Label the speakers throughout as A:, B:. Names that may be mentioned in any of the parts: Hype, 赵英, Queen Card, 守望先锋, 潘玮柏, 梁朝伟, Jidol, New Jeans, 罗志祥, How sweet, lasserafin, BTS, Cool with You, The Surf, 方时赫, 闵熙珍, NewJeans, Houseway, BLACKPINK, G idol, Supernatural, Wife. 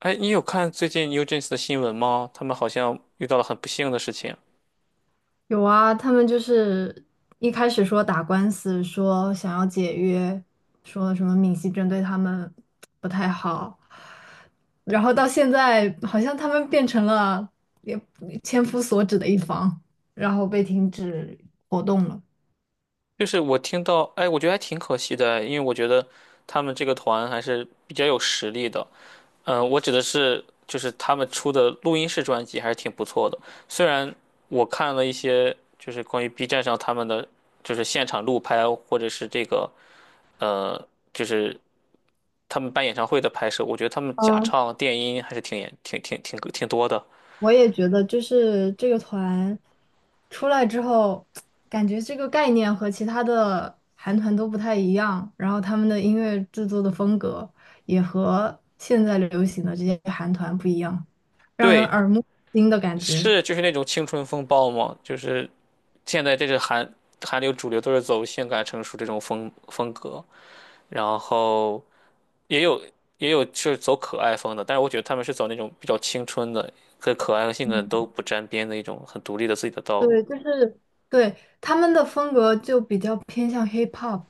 A: 哎，你有看最近 NewJeans 的新闻吗？他们好像遇到了很不幸的事情。
B: 有啊，他们就是一开始说打官司，说想要解约，说什么闵熙珍对他们不太好，然后到现在好像他们变成了也千夫所指的一方，然后被停止活动了。
A: 就是我听到，哎，我觉得还挺可惜的，因为我觉得他们这个团还是比较有实力的。嗯，我指的是就是他们出的录音室专辑还是挺不错的。虽然我看了一些就是关于 B 站上他们的就是现场录拍或者是这个呃就是他们办演唱会的拍摄，我觉得他们假
B: 嗯。
A: 唱、电音还是挺严挺挺挺挺多的。
B: 我也觉得，就是这个团出来之后，感觉这个概念和其他的韩团都不太一样，然后他们的音乐制作的风格也和现在流行的这些韩团不一样，让人
A: 对，
B: 耳目一新的感觉。
A: 是就是那种青春风暴吗？就是现在这是韩流主流都是走性感成熟这种风格，然后也有也有是走可爱风的，但是我觉得他们是走那种比较青春的，跟可爱和性感都不沾边的一种很独立的自己的道路。
B: 对，就是对他们的风格就比较偏向 hip hop,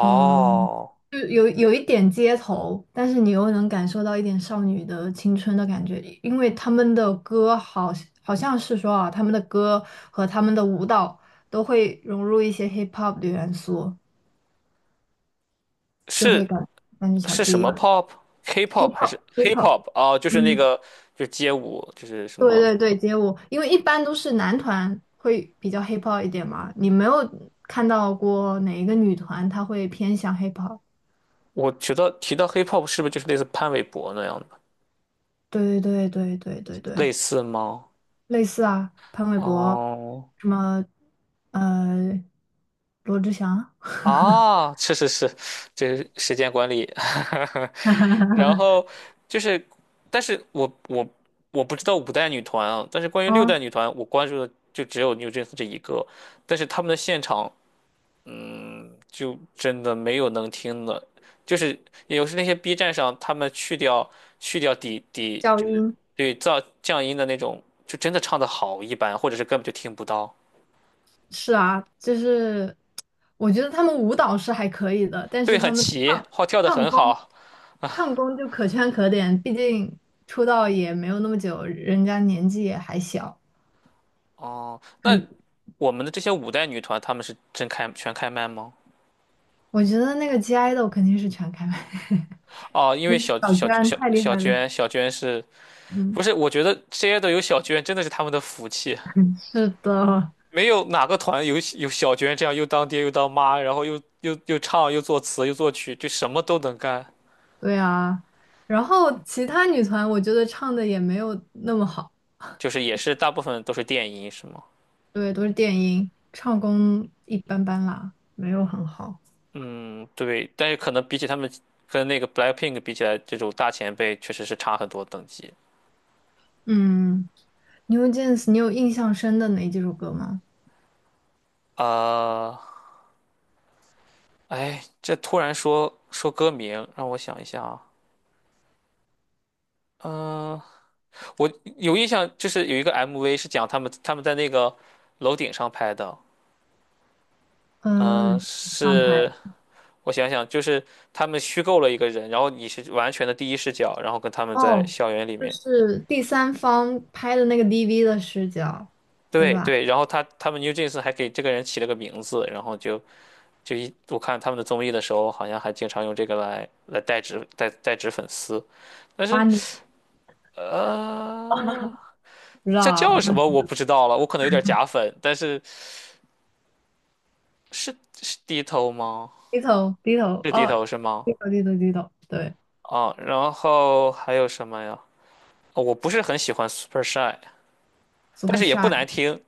B: 嗯。就有一点街头，但是你又能感受到一点少女的青春的感觉，因为他们的歌好好像是说啊，他们的歌和他们的舞蹈都会融入一些 hip hop 的元素，就会
A: 是
B: 感感觉起来
A: 是
B: 不
A: 什
B: 一
A: 么
B: 样。
A: pop？K-pop
B: hip
A: 还是
B: hop hip hop,
A: hip-hop 啊？就是那
B: 嗯，
A: 个就是街舞，就是什
B: 对
A: 么？
B: 对对，街舞，因为一般都是男团会比较 hip hop 一点嘛，你没有看到过哪一个女团她会偏向 hip hop?
A: 我觉得提到 hip-hop 是不是就是类似潘玮柏那样的，
B: 对对对对对对
A: 类
B: 对。
A: 似吗？
B: 类似啊，潘玮柏，
A: 哦，
B: 什么呃，罗志祥，
A: 啊，是是是，这是时间管理。然后就是，但是我我不知道五代女团啊，但是关于六代
B: 嗯，
A: 女团，我关注的就只有 NewJeans 这一个。但是他们的现场，嗯，就真的没有能听的。就是有时那些 B 站上他们去掉底，
B: 赵
A: 就是
B: 英，
A: 对噪降音的那种，就真的唱的好一般，或者是根本就听不到。
B: 是啊，就是我觉得他们舞蹈是还可以的，但是
A: 对，很
B: 他们
A: 齐，
B: 唱
A: 号跳的
B: 唱
A: 很
B: 功
A: 好。
B: 唱功就可圈可点，毕竟出道也没有那么久，人家年纪也还小，
A: 哦，那
B: 很，
A: 我们的这些五代女团，她们是全开麦吗？
B: 我觉得那个 G idol 肯定是全开麦，
A: 哦，因
B: 那
A: 为
B: 个
A: 小
B: 小
A: 小
B: 娟
A: 小
B: 太厉
A: 小
B: 害了。
A: 娟，小娟是
B: 嗯，
A: 不是？我觉得 J 都有小娟真的是他们的福气，
B: 是的，
A: 没有哪个团有小娟这样又当爹又当妈，然后又唱又作词又作曲，就什么都能干。
B: 对啊，然后其他女团我觉得唱的也没有那么好，
A: 就是也是大部分都是电音是吗？
B: 对，都是电音，唱功一般般啦，没有很好。
A: 嗯，对，但是可能比起他们跟那个 BLACKPINK 比起来，这种大前辈确实是差很多等级。
B: 嗯，New Jeans,你有印象深的哪几首歌吗？
A: 啊、哎，这突然说说歌名，让我想一下啊。嗯、我有印象，就是有一个 MV 是讲他们在那个楼顶上拍的。
B: 嗯，
A: 嗯、
B: 龙刚
A: 是
B: 拍
A: 我想想，就是他们虚构了一个人，然后你是完全的第一视角，然后跟他们在
B: 哦，
A: 校园里
B: 就
A: 面。
B: 是第三方拍的那个 DV 的视角，对
A: 对
B: 吧？
A: 对，然后他们 New Jeans 还给这个人起了个名字，然后就就一我看他们的综艺的时候，好像还经常用这个来代指粉丝。但
B: 把
A: 是
B: 巴尼，
A: 呃，
B: 不知
A: 这叫
B: 道，
A: 什么我不知道了，我可能有点假粉，但是是是低头吗？
B: 低头
A: 是低
B: 哦，
A: 头是吗？
B: 低头，对
A: 啊，然后还有什么呀？哦我不是很喜欢 Super Shy，但
B: ，Super
A: 是也不
B: Shy
A: 难听，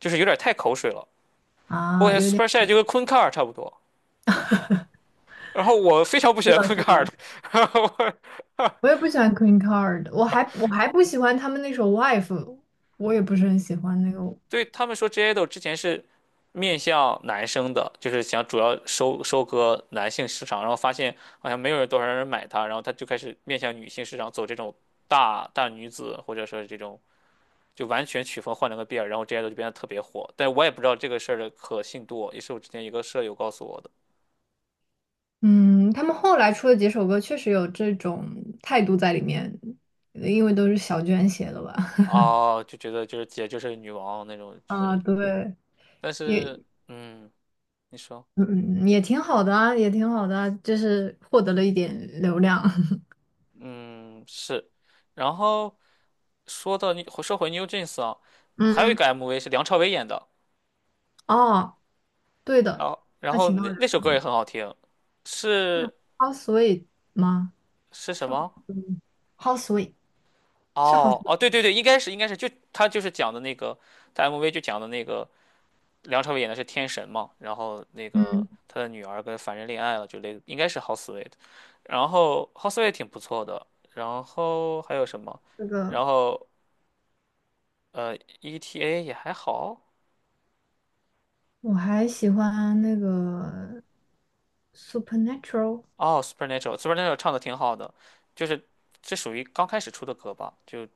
A: 就是有点太口水了。我
B: 啊，
A: 感觉
B: 有点
A: Super Shy 就跟昆卡尔差不多，然后我非常不喜
B: 是
A: 欢昆卡尔。
B: 的，
A: 然后我
B: 我也不喜欢 Queen Card,我还不喜欢他们那首 Wife,我也不是很喜欢那个。
A: 对他们说 J i d o L 之前是面向男生的，就是想主要收割男性市场，然后发现好像没有人多少人买它，然后他就开始面向女性市场走这种大女子，或者说是这种就完全曲风换了个遍，然后 J i d o L 就变得特别火。但我也不知道这个事儿的可信度，也是我之前一个舍友告诉我的。
B: 嗯，他们后来出的几首歌确实有这种态度在里面，因为都是小娟写的吧？
A: 啊，就觉得就是姐就是女王那种，就
B: 啊，
A: 是
B: 对，
A: 但
B: 也
A: 是嗯，你说
B: 嗯也挺好的啊，也挺好的啊，就是获得了一点流量。
A: 嗯是，然后。你说回 New Jeans 啊，还有一
B: 嗯，
A: 个 MV 是梁朝伟演的，
B: 哦，对
A: 然
B: 的，
A: 后然
B: 他
A: 后
B: 请到了
A: 那
B: 梁
A: 那首
B: 朝
A: 歌
B: 伟
A: 也很好听，是
B: ，How sweet 吗？
A: 是什
B: 是
A: 么？
B: How sweet，How sweet 是 How
A: 哦哦，对
B: sweet,
A: 对对，应该是就他就是讲的那个，他 MV 就讲的那个梁朝伟演的是天神嘛，然后那个
B: 嗯，
A: 他的女儿跟凡人恋爱了，应该是 h o u s e w e e t。 然后 Houseway 挺不错的，然后还有什么？
B: 这个。
A: 然后ETA 也还好，
B: 我还喜欢那个 Supernatural,
A: 哦，Supernatural，Supernatural 唱的挺好的，就是这属于刚开始出的歌吧，就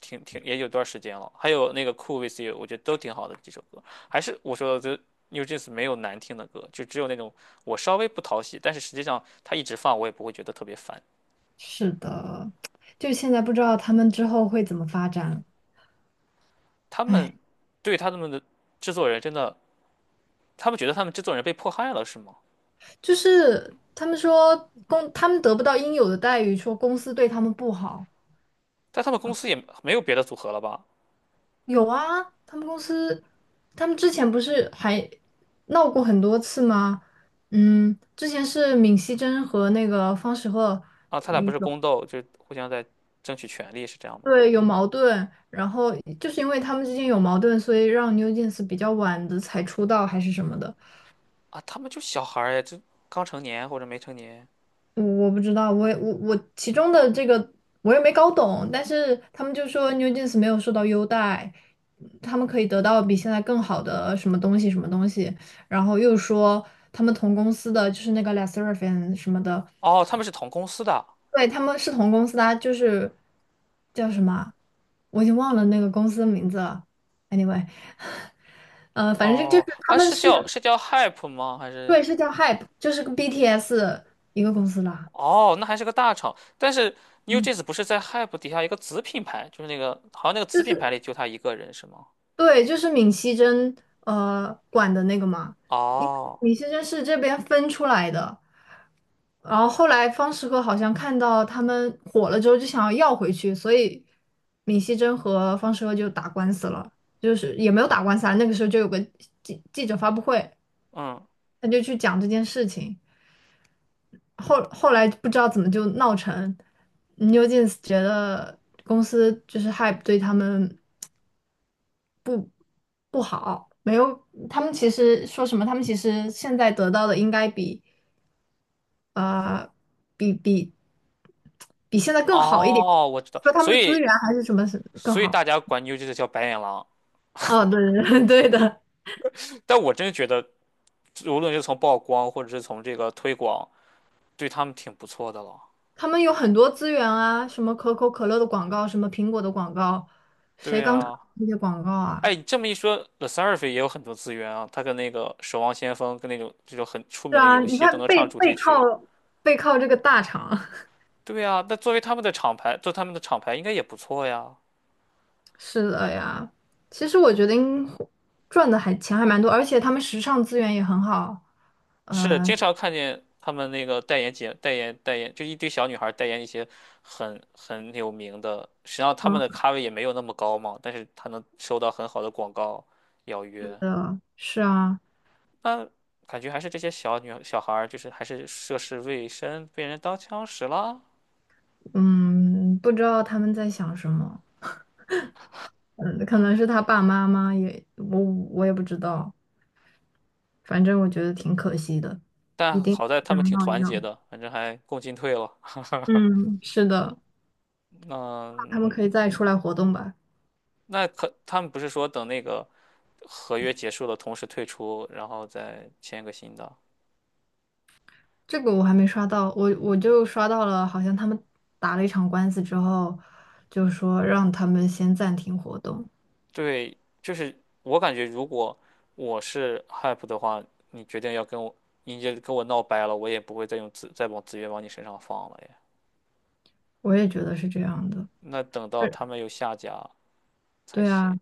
A: 也有段时间了。还有那个 Cool with You，我觉得都挺好的几首歌。还是我说的，就 New Jeans 没有难听的歌，就只有那种我稍微不讨喜，但是实际上他一直放我也不会觉得特别烦。
B: 是的，就现在不知道他们之后会怎么发展。
A: 他们
B: 哎，
A: 对他们的制作人真的，他们觉得他们制作人被迫害了是吗？
B: 就是他们说他们得不到应有的待遇，说公司对他们不好。
A: 但他们公司也没有别的组合了吧？
B: 有啊，他们公司他们之前不是还闹过很多次吗？嗯，之前是闵熙珍和那个方时赫。
A: 啊，他俩不
B: 那
A: 是
B: 个。
A: 宫斗，就互相在争取权利是这样吗？
B: 对，有矛盾，然后就是因为他们之间有矛盾，所以让 New Jeans 比较晚的才出道还是什么的，
A: 啊，他们就小孩儿呀，这刚成年或者没成年。
B: 我不知道，我也我其中的这个我也没搞懂，但是他们就说 New Jeans 没有受到优待，他们可以得到比现在更好的什么东西什么东西，然后又说他们同公司的就是那个 l a s s e r a f i n 什么的，
A: 哦，他们是同公司的。
B: 对，他们是同公司的啊就是叫什么啊我已经忘了那个公司的名字了。Anyway,反正就
A: 哦，
B: 就是他
A: 啊，
B: 们
A: 是
B: 是
A: 叫是叫 Hype 吗？还是
B: 对，是叫 Hype,就是跟 BTS 一个公司啦。
A: 哦，那还是个大厂。但是
B: 嗯，
A: NewJeans 不是在 Hype 底下一个子品牌，就是那个好像那个子
B: 就
A: 品牌
B: 是
A: 里就他一个人是吗？
B: 对，就是闵熙珍管的那个嘛，因为
A: 哦，
B: 闵熙珍是这边分出来的，然后后来方时和好像看到他们火了之后就想要要回去，所以闵熙珍和方时和就打官司了，就是也没有打官司啊，那个时候就有个记者发布会，
A: 嗯，
B: 他就去讲这件事情，后后来不知道怎么就闹成，New Jeans 觉得公司就是 Hype 对他们。不好，没有，他们其实说什么？他们其实现在得到的应该比呃比比比现在更好一点，
A: 哦，我知道。
B: 说他
A: 所
B: 们的资
A: 以
B: 源还是什么是更
A: 所以
B: 好？
A: 大家管 NewJeans 叫白眼狼，
B: 哦，对对 对对的，
A: 但我真觉得无论是从曝光或者是从这个推广，对他们挺不错的了。
B: 他们有很多资源啊，什么可口可乐的广告，什么苹果的广告，
A: 对
B: 谁刚出
A: 呀。
B: 那些广告啊？
A: 哎，你这么一说，The Surf 也有很多资源啊，他跟那个《守望先锋》跟那种这种很出
B: 是
A: 名的
B: 啊，
A: 游
B: 你
A: 戏都
B: 看
A: 能
B: 背
A: 唱主题
B: 背
A: 曲。
B: 靠背靠这个大厂，
A: 对呀，那作为他们的厂牌，做他们的厂牌应该也不错呀。
B: 是的呀。其实我觉得赚的还钱还蛮多，而且他们时尚资源也很好。
A: 是，
B: 呃，
A: 经常看见他们那个代言节、代言、代言，就一堆小女孩代言一些很有名的，实际上他们的
B: 嗯，
A: 咖位也没有那么高嘛，但是他能收到很好的广告邀约。
B: 的，是啊，
A: 那感觉还是这些小孩儿，就是还是涉世未深，被人当枪使了。
B: 嗯，不知道他们在想什么，嗯，可能是他爸妈也，我也不知道，反正我觉得挺可惜的，一
A: 但
B: 定
A: 好
B: 要
A: 在他
B: 这
A: 们
B: 样
A: 挺
B: 闹一
A: 团结
B: 闹。
A: 的，反正还共进退了。
B: 嗯，是的，他们可
A: 那
B: 以再出来活动吧。
A: 那可他们不是说等那个合约结束了，同时退出，然后再签个新的？
B: 这个我还没刷到，我就刷到了，好像他们打了一场官司之后，就说让他们先暂停活动，
A: 对，就是我感觉，如果我是 HYPE 的话，你决定要跟我，你就跟我闹掰了，我也不会再往资源往你身上放了呀。
B: 我也觉得是这样的。
A: 那等到他们有下家才
B: 对
A: 行。
B: 啊，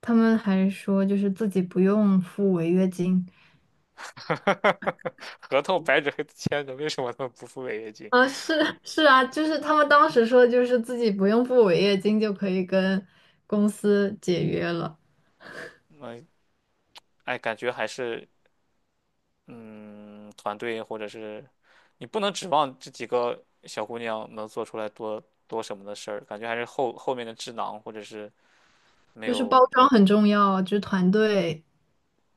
B: 他们还说就是自己不用付违约金，
A: 合同白纸黑字签的，为什么他们不付违约金？
B: 啊，是是啊，就是他们当时说，就是自己不用付违约金就可以跟公司解约了，
A: 嗯，哎，感觉还是嗯，团队或者是你不能指望这几个小姑娘能做出来多什么的事儿，感觉还是后面的智囊或者是没
B: 就是
A: 有
B: 包装很重要，就是团队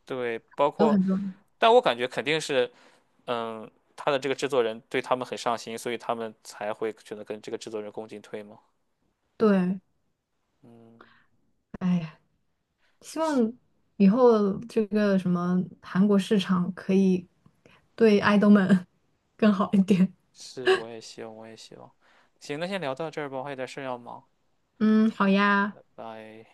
A: 对，包
B: 都
A: 括，
B: 很重要。
A: 但我感觉肯定是，嗯，他的这个制作人对他们很上心，所以他们才会选择跟这个制作人共进退嘛。
B: 对，
A: 嗯，
B: 哎呀，希望以后这个什么韩国市场可以对爱豆们 更好一点。
A: 是，我也希望，我也希望。行，那先聊到这儿吧，我还有点事儿要忙，
B: 嗯，好呀。
A: 拜拜。